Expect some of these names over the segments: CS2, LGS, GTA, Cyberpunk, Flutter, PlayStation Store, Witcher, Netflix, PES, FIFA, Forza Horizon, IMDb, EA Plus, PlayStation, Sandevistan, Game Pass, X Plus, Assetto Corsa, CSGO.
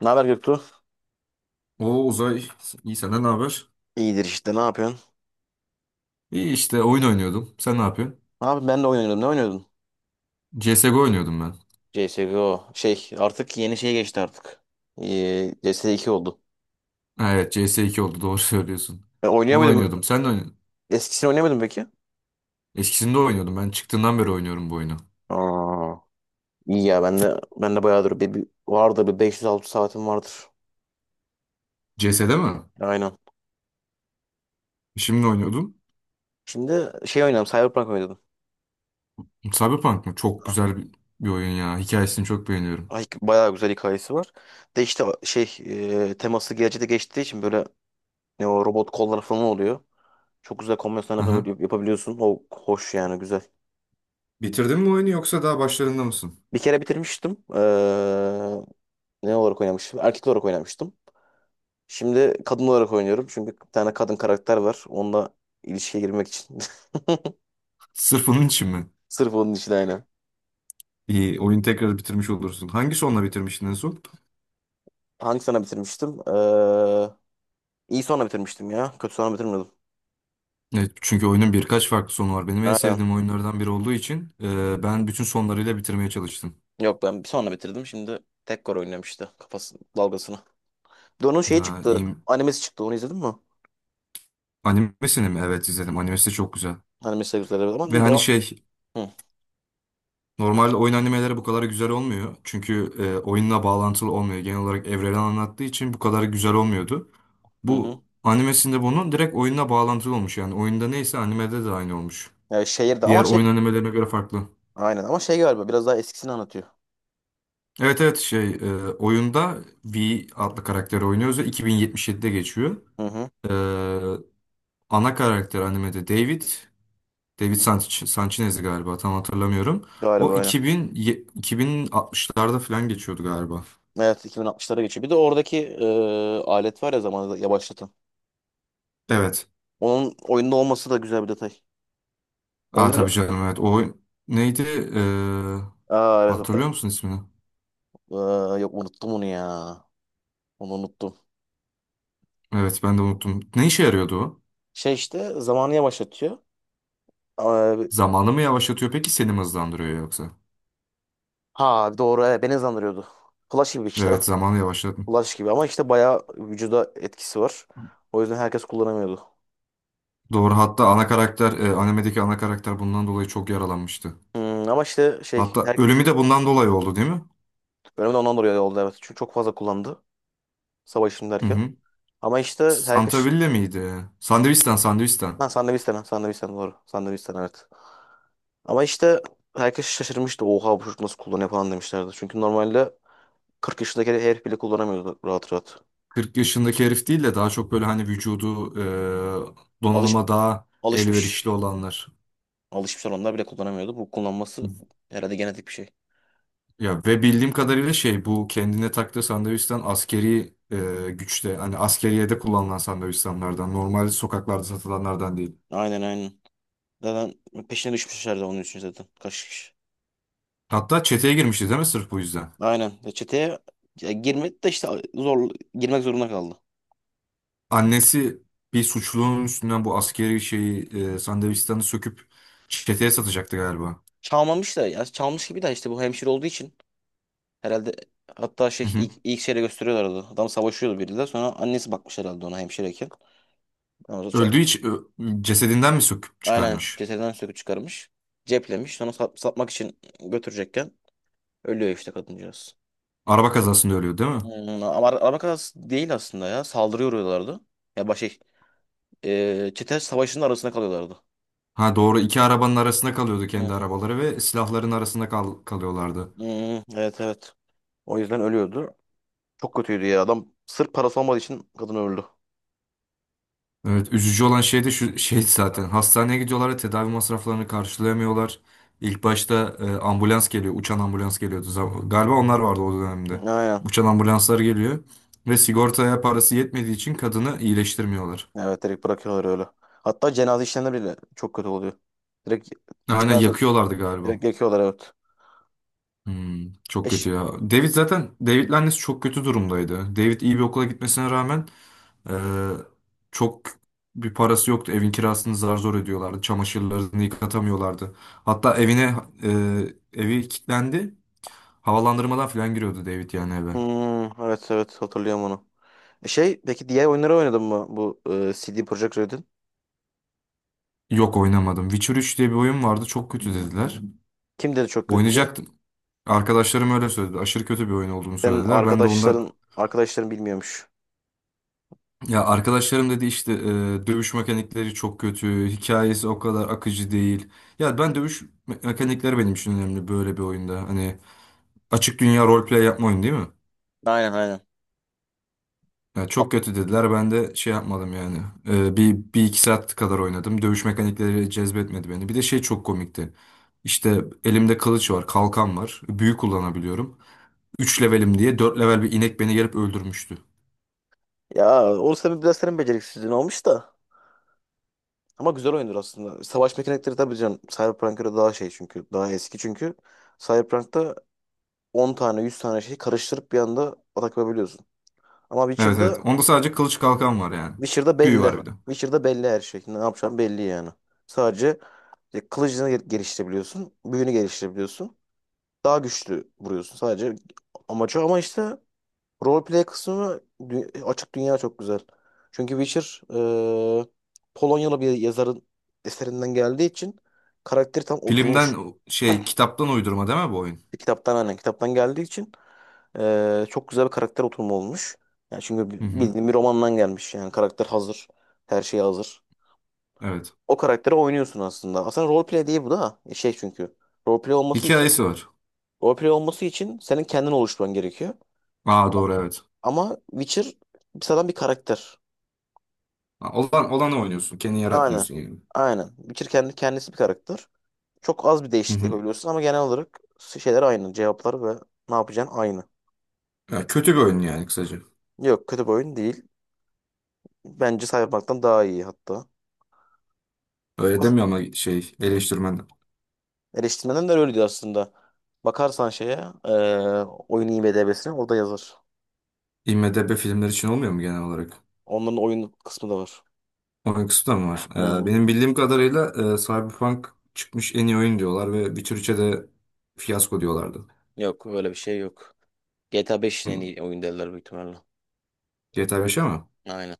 Ne haber Göktuğ? O Uzay, iyi senden ne haber? İyidir işte ne yapıyorsun? İyi işte oyun oynuyordum. Sen ne yapıyorsun? Abi ben de oynuyordum. Ne oynuyordun? CSGO oynuyordum ben. CSGO. Şey artık yeni şeye geçti artık. CS2 oldu. Ha, evet CS2 oldu doğru söylüyorsun. Oynuyor Onu oynuyordum. muydun? Sen de oynuyordun. Eskisini oynayamadım peki. Eskisinde oynuyordum. Ben çıktığından beri oynuyorum bu oyunu. Aa, İyi ya ben de bayağıdır bir vardır bir 500-600 saatim vardır. CS'de mi? Aynen. Şimdi oynuyordum. Şimdi şey oynadım, Cyberpunk oynadım. Cyberpunk mı? Çok ah, güzel bir oyun ya. Hikayesini çok beğeniyorum. Ay, bayağı güzel hikayesi var. De işte şey teması gelecekte geçtiği için böyle ne o robot kollar falan oluyor. Çok güzel kombinasyonlar Aha. Yapabiliyorsun. O hoş yani, güzel. Bitirdin mi oyunu yoksa daha başlarında mısın? Bir kere bitirmiştim. Ne olarak oynamıştım? Erkek olarak oynamıştım. Şimdi kadın olarak oynuyorum. Çünkü bir tane kadın karakter var. Onunla ilişkiye girmek için. Sırf onun için mi? Sırf onun için, aynen. İyi, oyunu tekrar bitirmiş olursun. Hangi sonla bitirmiştin en son? Hangi sene bitirmiştim? İyi sonra bitirmiştim ya. Kötü sonra bitirmedim. Evet, çünkü oyunun birkaç farklı sonu var. Benim en Aynen. sevdiğim oyunlardan biri olduğu için ben bütün sonlarıyla bitirmeye çalıştım. Yok, ben bir sonra bitirdim. Şimdi tek oynuyorum işte. Kafası dalgasını. Bir de onun şeyi Ha, çıktı. iyi. Animesi çıktı. Onu izledin mi? Animesini mi? Evet izledim. Animesi de çok güzel. Animesi de güzel. Ve Ama hani devam. şey Hı normalde oyun animeleri bu kadar güzel olmuyor. Çünkü oyunla bağlantılı olmuyor. Genel olarak evreni anlattığı için bu kadar güzel olmuyordu. hı. Bu Hı. animesinde bunun direkt oyunla bağlantılı olmuş. Yani oyunda neyse animede de aynı olmuş. Yani şehirde ama Diğer şey. oyun animelerine göre farklı. Aynen ama şey galiba biraz daha eskisini anlatıyor. Evet, evet, şey, oyunda V adlı karakteri oynuyoruz ve 2077'de geçiyor. Hı hı. Ee, ana karakter animede David Sanchez galiba tam hatırlamıyorum. O Galiba öyle. 2060'larda falan geçiyordu galiba. Evet, 2060'lara geçiyor. Bir de oradaki alet var ya, zamanı yavaşlatan. Evet. Onun oyunda olması da güzel bir detay. Aa, Oyunları... tabii canım, evet. O neydi? Ee, Aa, evet, hatırlıyor ben- musun ismini? Aa, yok, unuttum onu ya. Onu unuttum. Evet, ben de unuttum. Ne işe yarıyordu o? Şey işte zamanı yavaşlatıyor. Aa, Zamanı mı yavaşlatıyor peki seni mi hızlandırıyor yoksa? ha doğru, evet, beni hızlandırıyordu. Flash gibi işte. Evet, zamanı yavaşlatıyor. Flash gibi ama işte bayağı vücuda etkisi var. O yüzden herkes kullanamıyordu. Doğru, hatta animedeki ana karakter bundan dolayı çok yaralanmıştı. Ama işte şey Hatta her ölümü de bundan dolayı oldu, değil mi? bölümde ondan dolayı oldu, evet. Çünkü çok fazla kullandı, savaşın Hı derken. hı. Ama işte Santa herkes... Villa miydi? Sandevistan, Sandevistan. Ha, Sandviçten, Sandviçten doğru. Sandviçten, evet. Ama işte herkes şaşırmıştı. Oha, bu çocuk nasıl kullanıyor falan demişlerdi. Çünkü normalde 40 yaşındaki herif bile kullanamıyordu rahat rahat. 40 yaşındaki herif değil de daha çok böyle hani vücudu Alış, donanıma daha Alışmış, elverişli olanlar. alışmış onlar bile kullanamıyordu. Bu kullanması herhalde genetik bir şey. Ya ve bildiğim kadarıyla şey bu kendine taktığı Sandevistan askeri güçte hani askeriyede kullanılan Sandevistanlardan, normal sokaklarda satılanlardan değil. Aynen, aynen. Zaten peşine düşmüşlerdi onun için zaten. Kaç kişi. Hatta çeteye girmişti değil mi sırf bu yüzden? Aynen. Ya çeteye ya girmedi de işte, zor girmek zorunda kaldı. Annesi bir suçlunun üstünden bu askeri şeyi Sandevistan'ı söküp çeteye satacaktı galiba. Çalmamış da ya çalmış gibi de işte, bu hemşire olduğu için herhalde. Hatta şey ilk, ilk şeyle gösteriyorlardı. Adam savaşıyordu biriyle, sonra annesi bakmış herhalde ona hemşireyken. Ama Öldüğü için ö- Cesedinden mi söküp aynen, çıkarmış? cesedden söküp çıkarmış. Ceplemiş. Sonra satmak için götürecekken ölüyor işte kadıncağız. Araba kazasında ölüyor değil mi? Ama araba kazası değil aslında ya. Saldırıya uğruyorlardı. Ya baş şey, çete savaşının arasında kalıyorlardı. Ha doğru, iki arabanın arasında kalıyordu, kendi Hmm, arabaları ve silahların arasında kalıyorlardı. hmm, evet, evet. O yüzden ölüyordu. Çok kötüydü ya. Adam sırf parası olmadığı için kadın öldü. Evet, üzücü olan şey de şu şey zaten hastaneye gidiyorlar ve tedavi masraflarını karşılayamıyorlar. İlk başta ambulans geliyor, uçan ambulans geliyordu. Galiba onlar vardı o dönemde. Aynen. Uçan ambulanslar geliyor ve sigortaya parası yetmediği için kadını iyileştirmiyorlar. Evet, direkt bırakıyorlar öyle. Hatta cenaze işlemleri bile çok kötü oluyor. Direkt Aynen, cenaze, yakıyorlardı galiba. direkt yakıyorlar, evet. Hmm, E çok kötü ya. David'le annesi çok kötü durumdaydı. David iyi bir okula gitmesine rağmen e, çok bir parası yoktu. Evin kirasını zar zor ödüyorlardı. Çamaşırlarını yıkatamıyorlardı. Hatta e, evi kilitlendi. Havalandırmadan falan giriyordu David yani eve. Evet, evet, hatırlıyorum onu. Şey peki, diğer oyunları oynadın mı bu CD Projekt Red'in? Yok, oynamadım. Witcher 3 diye bir oyun vardı. Çok kötü dediler. Kim dedi çok kötü diye? Oynayacaktım. Arkadaşlarım öyle söyledi. Aşırı kötü bir oyun olduğunu Senin söylediler. Ben de ondan. arkadaşların bilmiyormuş. Ya arkadaşlarım dedi işte dövüş mekanikleri çok kötü, hikayesi o kadar akıcı değil. Ya, ben mekanikleri benim için önemli böyle bir oyunda. Hani açık dünya roleplay yapma oyunu değil mi? Aynen, aynen. Ya A- çok kötü dediler, ben de şey yapmadım yani. Bir iki saat kadar oynadım. Dövüş mekanikleri cezbetmedi beni. Bir de şey çok komikti. İşte elimde kılıç var, kalkan var. Büyü kullanabiliyorum. Üç levelim diye 4 level bir inek beni gelip öldürmüştü. Ya o sebebi biraz senin beceriksizliğin olmuş da. Ama güzel oyundur aslında. Savaş mekanikleri, tabii canım. Cyberpunk'a göre daha şey, çünkü daha eski çünkü. Cyberpunk'ta 10 tane 100 tane şeyi karıştırıp bir anda atak yapabiliyorsun. Ama Evet, evet. Witcher'da Onda sadece kılıç kalkan var yani. Witcher'da Büyü belli. var bir de. Witcher'da belli her şey. Ne yapacağım belli yani. Sadece kılıcını geliştirebiliyorsun. Büyünü geliştirebiliyorsun. Daha güçlü vuruyorsun. Sadece amacı, ama işte roleplay kısmı, açık dünya çok güzel. Çünkü Witcher e, Polonyalı bir yazarın eserinden geldiği için karakteri tam oturmuş. Filmden şey kitaptan uydurma değil mi bu oyun? Bir kitaptan, aynen, kitaptan geldiği için çok güzel bir karakter oturumu olmuş. Yani çünkü Hı hı. bildiğin bir romandan gelmiş, yani karakter hazır. Her şey hazır. Evet. O karakteri oynuyorsun aslında. Aslında roleplay değil bu da. Şey çünkü. Roleplay olması için Hikayesi var. roleplay olması için senin kendin oluşturman gerekiyor. Aa Ama, doğru, evet. ama Witcher sıradan bir karakter. Ha, olanı oynuyorsun. Kendi Aynen. yaratmıyorsun yani. Aynen. Witcher kendi kendisi bir karakter. Çok az bir Hı değişiklik hı. yapabiliyorsun ama genel olarak şeyler aynı. Cevaplar ve ne yapacağın aynı. Ya, kötü bir oyun yani kısaca. Yok, kötü bir oyun değil. Bence Cyberpunk'tan daha iyi hatta. Öyle As- demiyor ama şey, eleştirmen. Eleştirmenler de öyle diyor aslında. Bakarsan şeye, oyun IMDb'sine, orada yazar. IMDb filmler için olmuyor mu genel olarak? Onların oyun kısmı da var. Oyun kısmı da mı var? Hı Ee, hı. benim bildiğim kadarıyla Cyberpunk çıkmış en iyi oyun diyorlar ve Witcher 3'e de fiyasko diyorlardı. Yok, öyle bir şey yok. GTA 5'in Hı. en iyi oyun derler büyük ihtimalle. GTA 5'e mi? Aynen.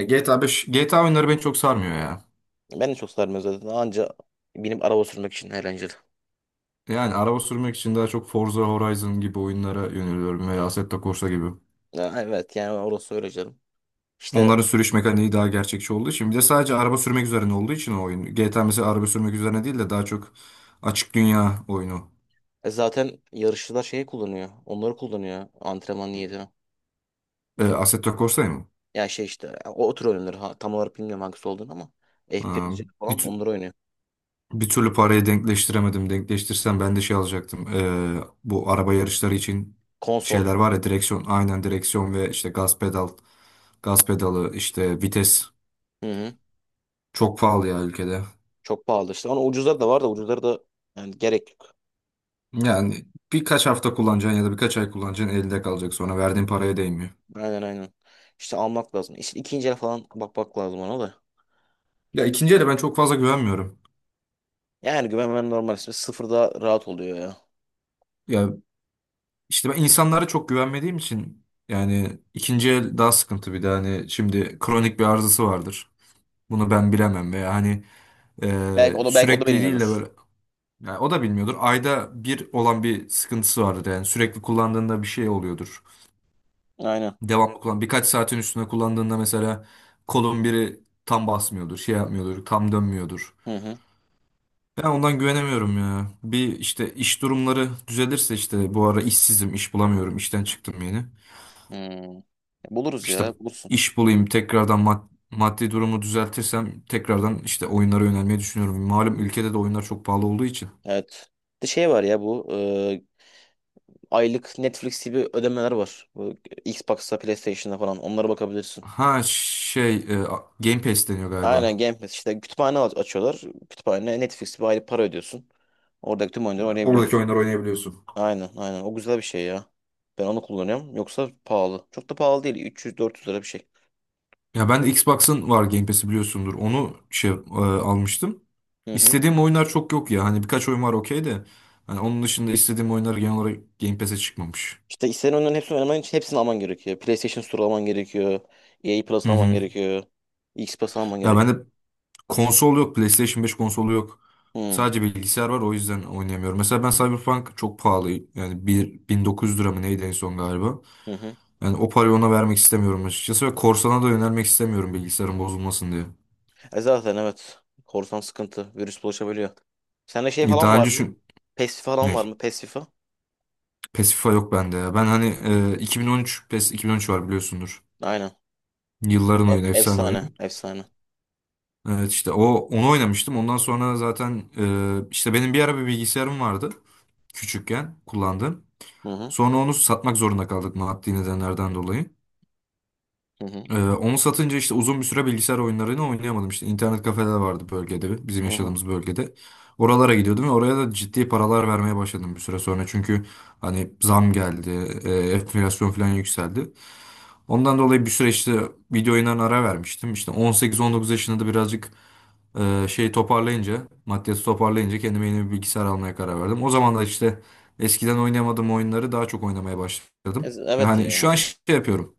GTA 5, GTA oyunları beni çok sarmıyor ya. Ben de çok sarmıyor zaten. Anca benim araba sürmek için eğlenceli. Yani araba sürmek için daha çok Forza Horizon gibi oyunlara yöneliyorum veya Assetto Corsa gibi. Ya, evet, yani orası öyle canım. İşte Onların sürüş mekaniği daha gerçekçi olduğu için bir de sadece araba sürmek üzerine olduğu için o oyun. GTA mesela araba sürmek üzerine değil de daha çok açık dünya oyunu. Zaten yarışçılar şeyi kullanıyor. Onları kullanıyor antrenman niyetine. Assetto Corsa'yı mı? Ya şey işte, o tür oyunlar. Ha, tam olarak bilmiyorum hangisi olduğunu ama Ha, F1'ci bir, falan tü- onları oynuyor. bir türlü parayı denkleştiremedim. Denkleştirsem ben de şey alacaktım. Bu araba yarışları için Konsol. şeyler var ya, direksiyon. Aynen, direksiyon ve işte gaz pedal. Gaz pedalı işte vites. Hı hı. Çok pahalı ya ülkede. Çok pahalı işte. Ama ucuzları da var da, ucuzları da yani gerek yok. Yani birkaç hafta kullanacaksın ya da birkaç ay kullanacaksın, elde kalacak, sonra verdiğin paraya değmiyor. Aynen, aynen. İşte almak lazım. İşte ikinci el falan bakmak lazım ona da. Ya, ikinci ele ben çok fazla güvenmiyorum. Yani güvenmem normal, ismi sıfırda rahat oluyor ya. Ya işte ben insanlara çok güvenmediğim için yani ikinci el daha sıkıntı, bir de hani şimdi kronik bir arızası vardır. Bunu ben bilemem veya hani Belki o da belki o da sürekli değil de bilmiyordur. böyle, yani o da bilmiyordur. Ayda bir olan bir sıkıntısı vardır yani sürekli kullandığında bir şey oluyordur. Aynen. Devamlı kullan, birkaç saatin üstüne kullandığında mesela kolun biri tam basmıyordur, şey yapmıyordur, tam dönmüyordur. Hı hı. Ben ondan güvenemiyorum ya. Bir işte iş durumları düzelirse işte bu ara işsizim, iş bulamıyorum, işten çıktım yeni. Hmm. Buluruz İşte ya, bulursun. iş bulayım, tekrardan maddi durumu düzeltirsem tekrardan işte oyunlara yönelmeyi düşünüyorum. Malum İyi. ülkede de oyunlar çok pahalı olduğu için. Evet. Bir de şey var ya bu aylık Netflix gibi ödemeler var. Bu Xbox'ta, PlayStation'da falan, onlara bakabilirsin. Ha şey, Game Pass deniyor galiba. Aynen, Game Pass işte, kütüphane açıyorlar. Kütüphane Netflix, bir aylık para ödüyorsun. Oradaki tüm oyunları oynayabiliyorsun. Oradaki oyunları oynayabiliyorsun. Aynen, aynen, o güzel bir şey ya. Ben onu kullanıyorum. Yoksa pahalı. Çok da pahalı değil. 300-400 lira bir şey. Ya ben de Xbox'ın var, Game Pass'i biliyorsundur. Onu şey almıştım. Hı hı. İstediğim oyunlar çok yok ya. Hani birkaç oyun var, okey de. Hani onun dışında istediğim oyunlar genel olarak Game Pass'e çıkmamış. İşte istenen oyunların hepsini oynaman için hepsini alman gerekiyor. PlayStation Store alman gerekiyor. EA Plus Hı alman hı. gerekiyor. X Plus alman Ya gerekiyor. bende konsol yok. PlayStation 5 konsolu yok. Hmm. Sadece bilgisayar var, o yüzden oynayamıyorum. Mesela Hı ben hı. Cyberpunk çok pahalı. Yani 1900 lira mı neydi en son galiba. Hı hı. Yani o parayı ona vermek istemiyorum açıkçası. Ve korsana da yönelmek istemiyorum bilgisayarın bozulmasın diye. Zaten, evet. Korsan sıkıntı. Virüs bulaşabiliyor. Sende şey falan Daha var önce mı? şu... PES falan Ne? var mı? PES, FIFA. Pasify yok bende ya. Ben hani 2013 PES 2013 var biliyorsundur. Aynen. Yılların oyunu, efsane Efsane. oyun. Efsane. Evet işte o onu oynamıştım. Ondan sonra zaten işte benim bir ara bir bilgisayarım vardı küçükken kullandığım. Hı hı. Sonra onu satmak zorunda kaldık maddi nedenlerden dolayı. Hı hı. Onu satınca işte uzun bir süre bilgisayar oyunlarını oynayamadım. İşte internet kafeler vardı bölgede, bizim Hı hı. yaşadığımız bölgede. Oralara gidiyordum ve oraya da ciddi paralar vermeye başladım bir süre sonra. Çünkü hani zam geldi, enflasyon falan yükseldi. Ondan dolayı bir süre işte video oyunlarına ara vermiştim. İşte 18-19 yaşında da birazcık şey toparlayınca, maddiyatı toparlayınca kendime yeni bir bilgisayar almaya karar verdim. O zaman da işte eskiden oynayamadığım oyunları daha çok oynamaya başladım. Evet Yani ya. şu an şey yapıyorum.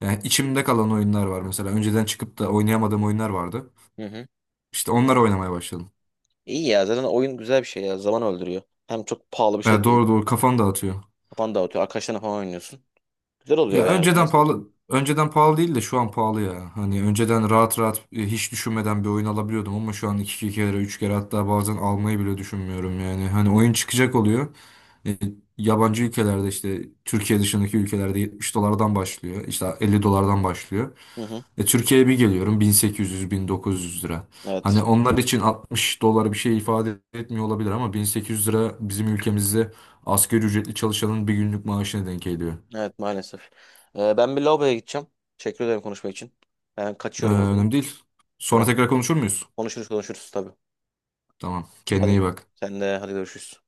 Yani içimde kalan oyunlar var mesela. Önceden çıkıp da oynayamadığım oyunlar vardı. Hı hı. İşte onları oynamaya başladım. İyi ya. Zaten oyun güzel bir şey ya. Zaman öldürüyor. Hem çok pahalı bir şey Yani de değil. doğru doğru kafam dağıtıyor. Kafanı dağıtıyor. Arkadaşlarına falan oynuyorsun. Güzel oluyor Ya yani. Ben de önceden seviyorum. pahalı, önceden pahalı değil de şu an pahalı ya. Hani önceden rahat rahat hiç düşünmeden bir oyun alabiliyordum ama şu an iki kere üç kere hatta bazen almayı bile düşünmüyorum yani. Hani oyun çıkacak oluyor. E, yabancı ülkelerde işte Türkiye dışındaki ülkelerde 70 dolardan başlıyor. İşte 50 dolardan başlıyor. Hı hı. Türkiye'ye bir geliyorum 1800 1900 lira. Hani Evet. onlar için 60 dolar bir şey ifade etmiyor olabilir ama 1800 lira bizim ülkemizde asgari ücretli çalışanın bir günlük maaşına denk geliyor. Evet, maalesef. Ben bir lavaboya gideceğim. Teşekkür ederim konuşma için. Ben Ee, kaçıyorum, o Tamam zaman. önemli değil. Sonra Tamam. tekrar konuşur muyuz? Konuşuruz, konuşuruz, tabii. Tamam. Kendine iyi Hadi. bak. Sen de hadi, görüşürüz.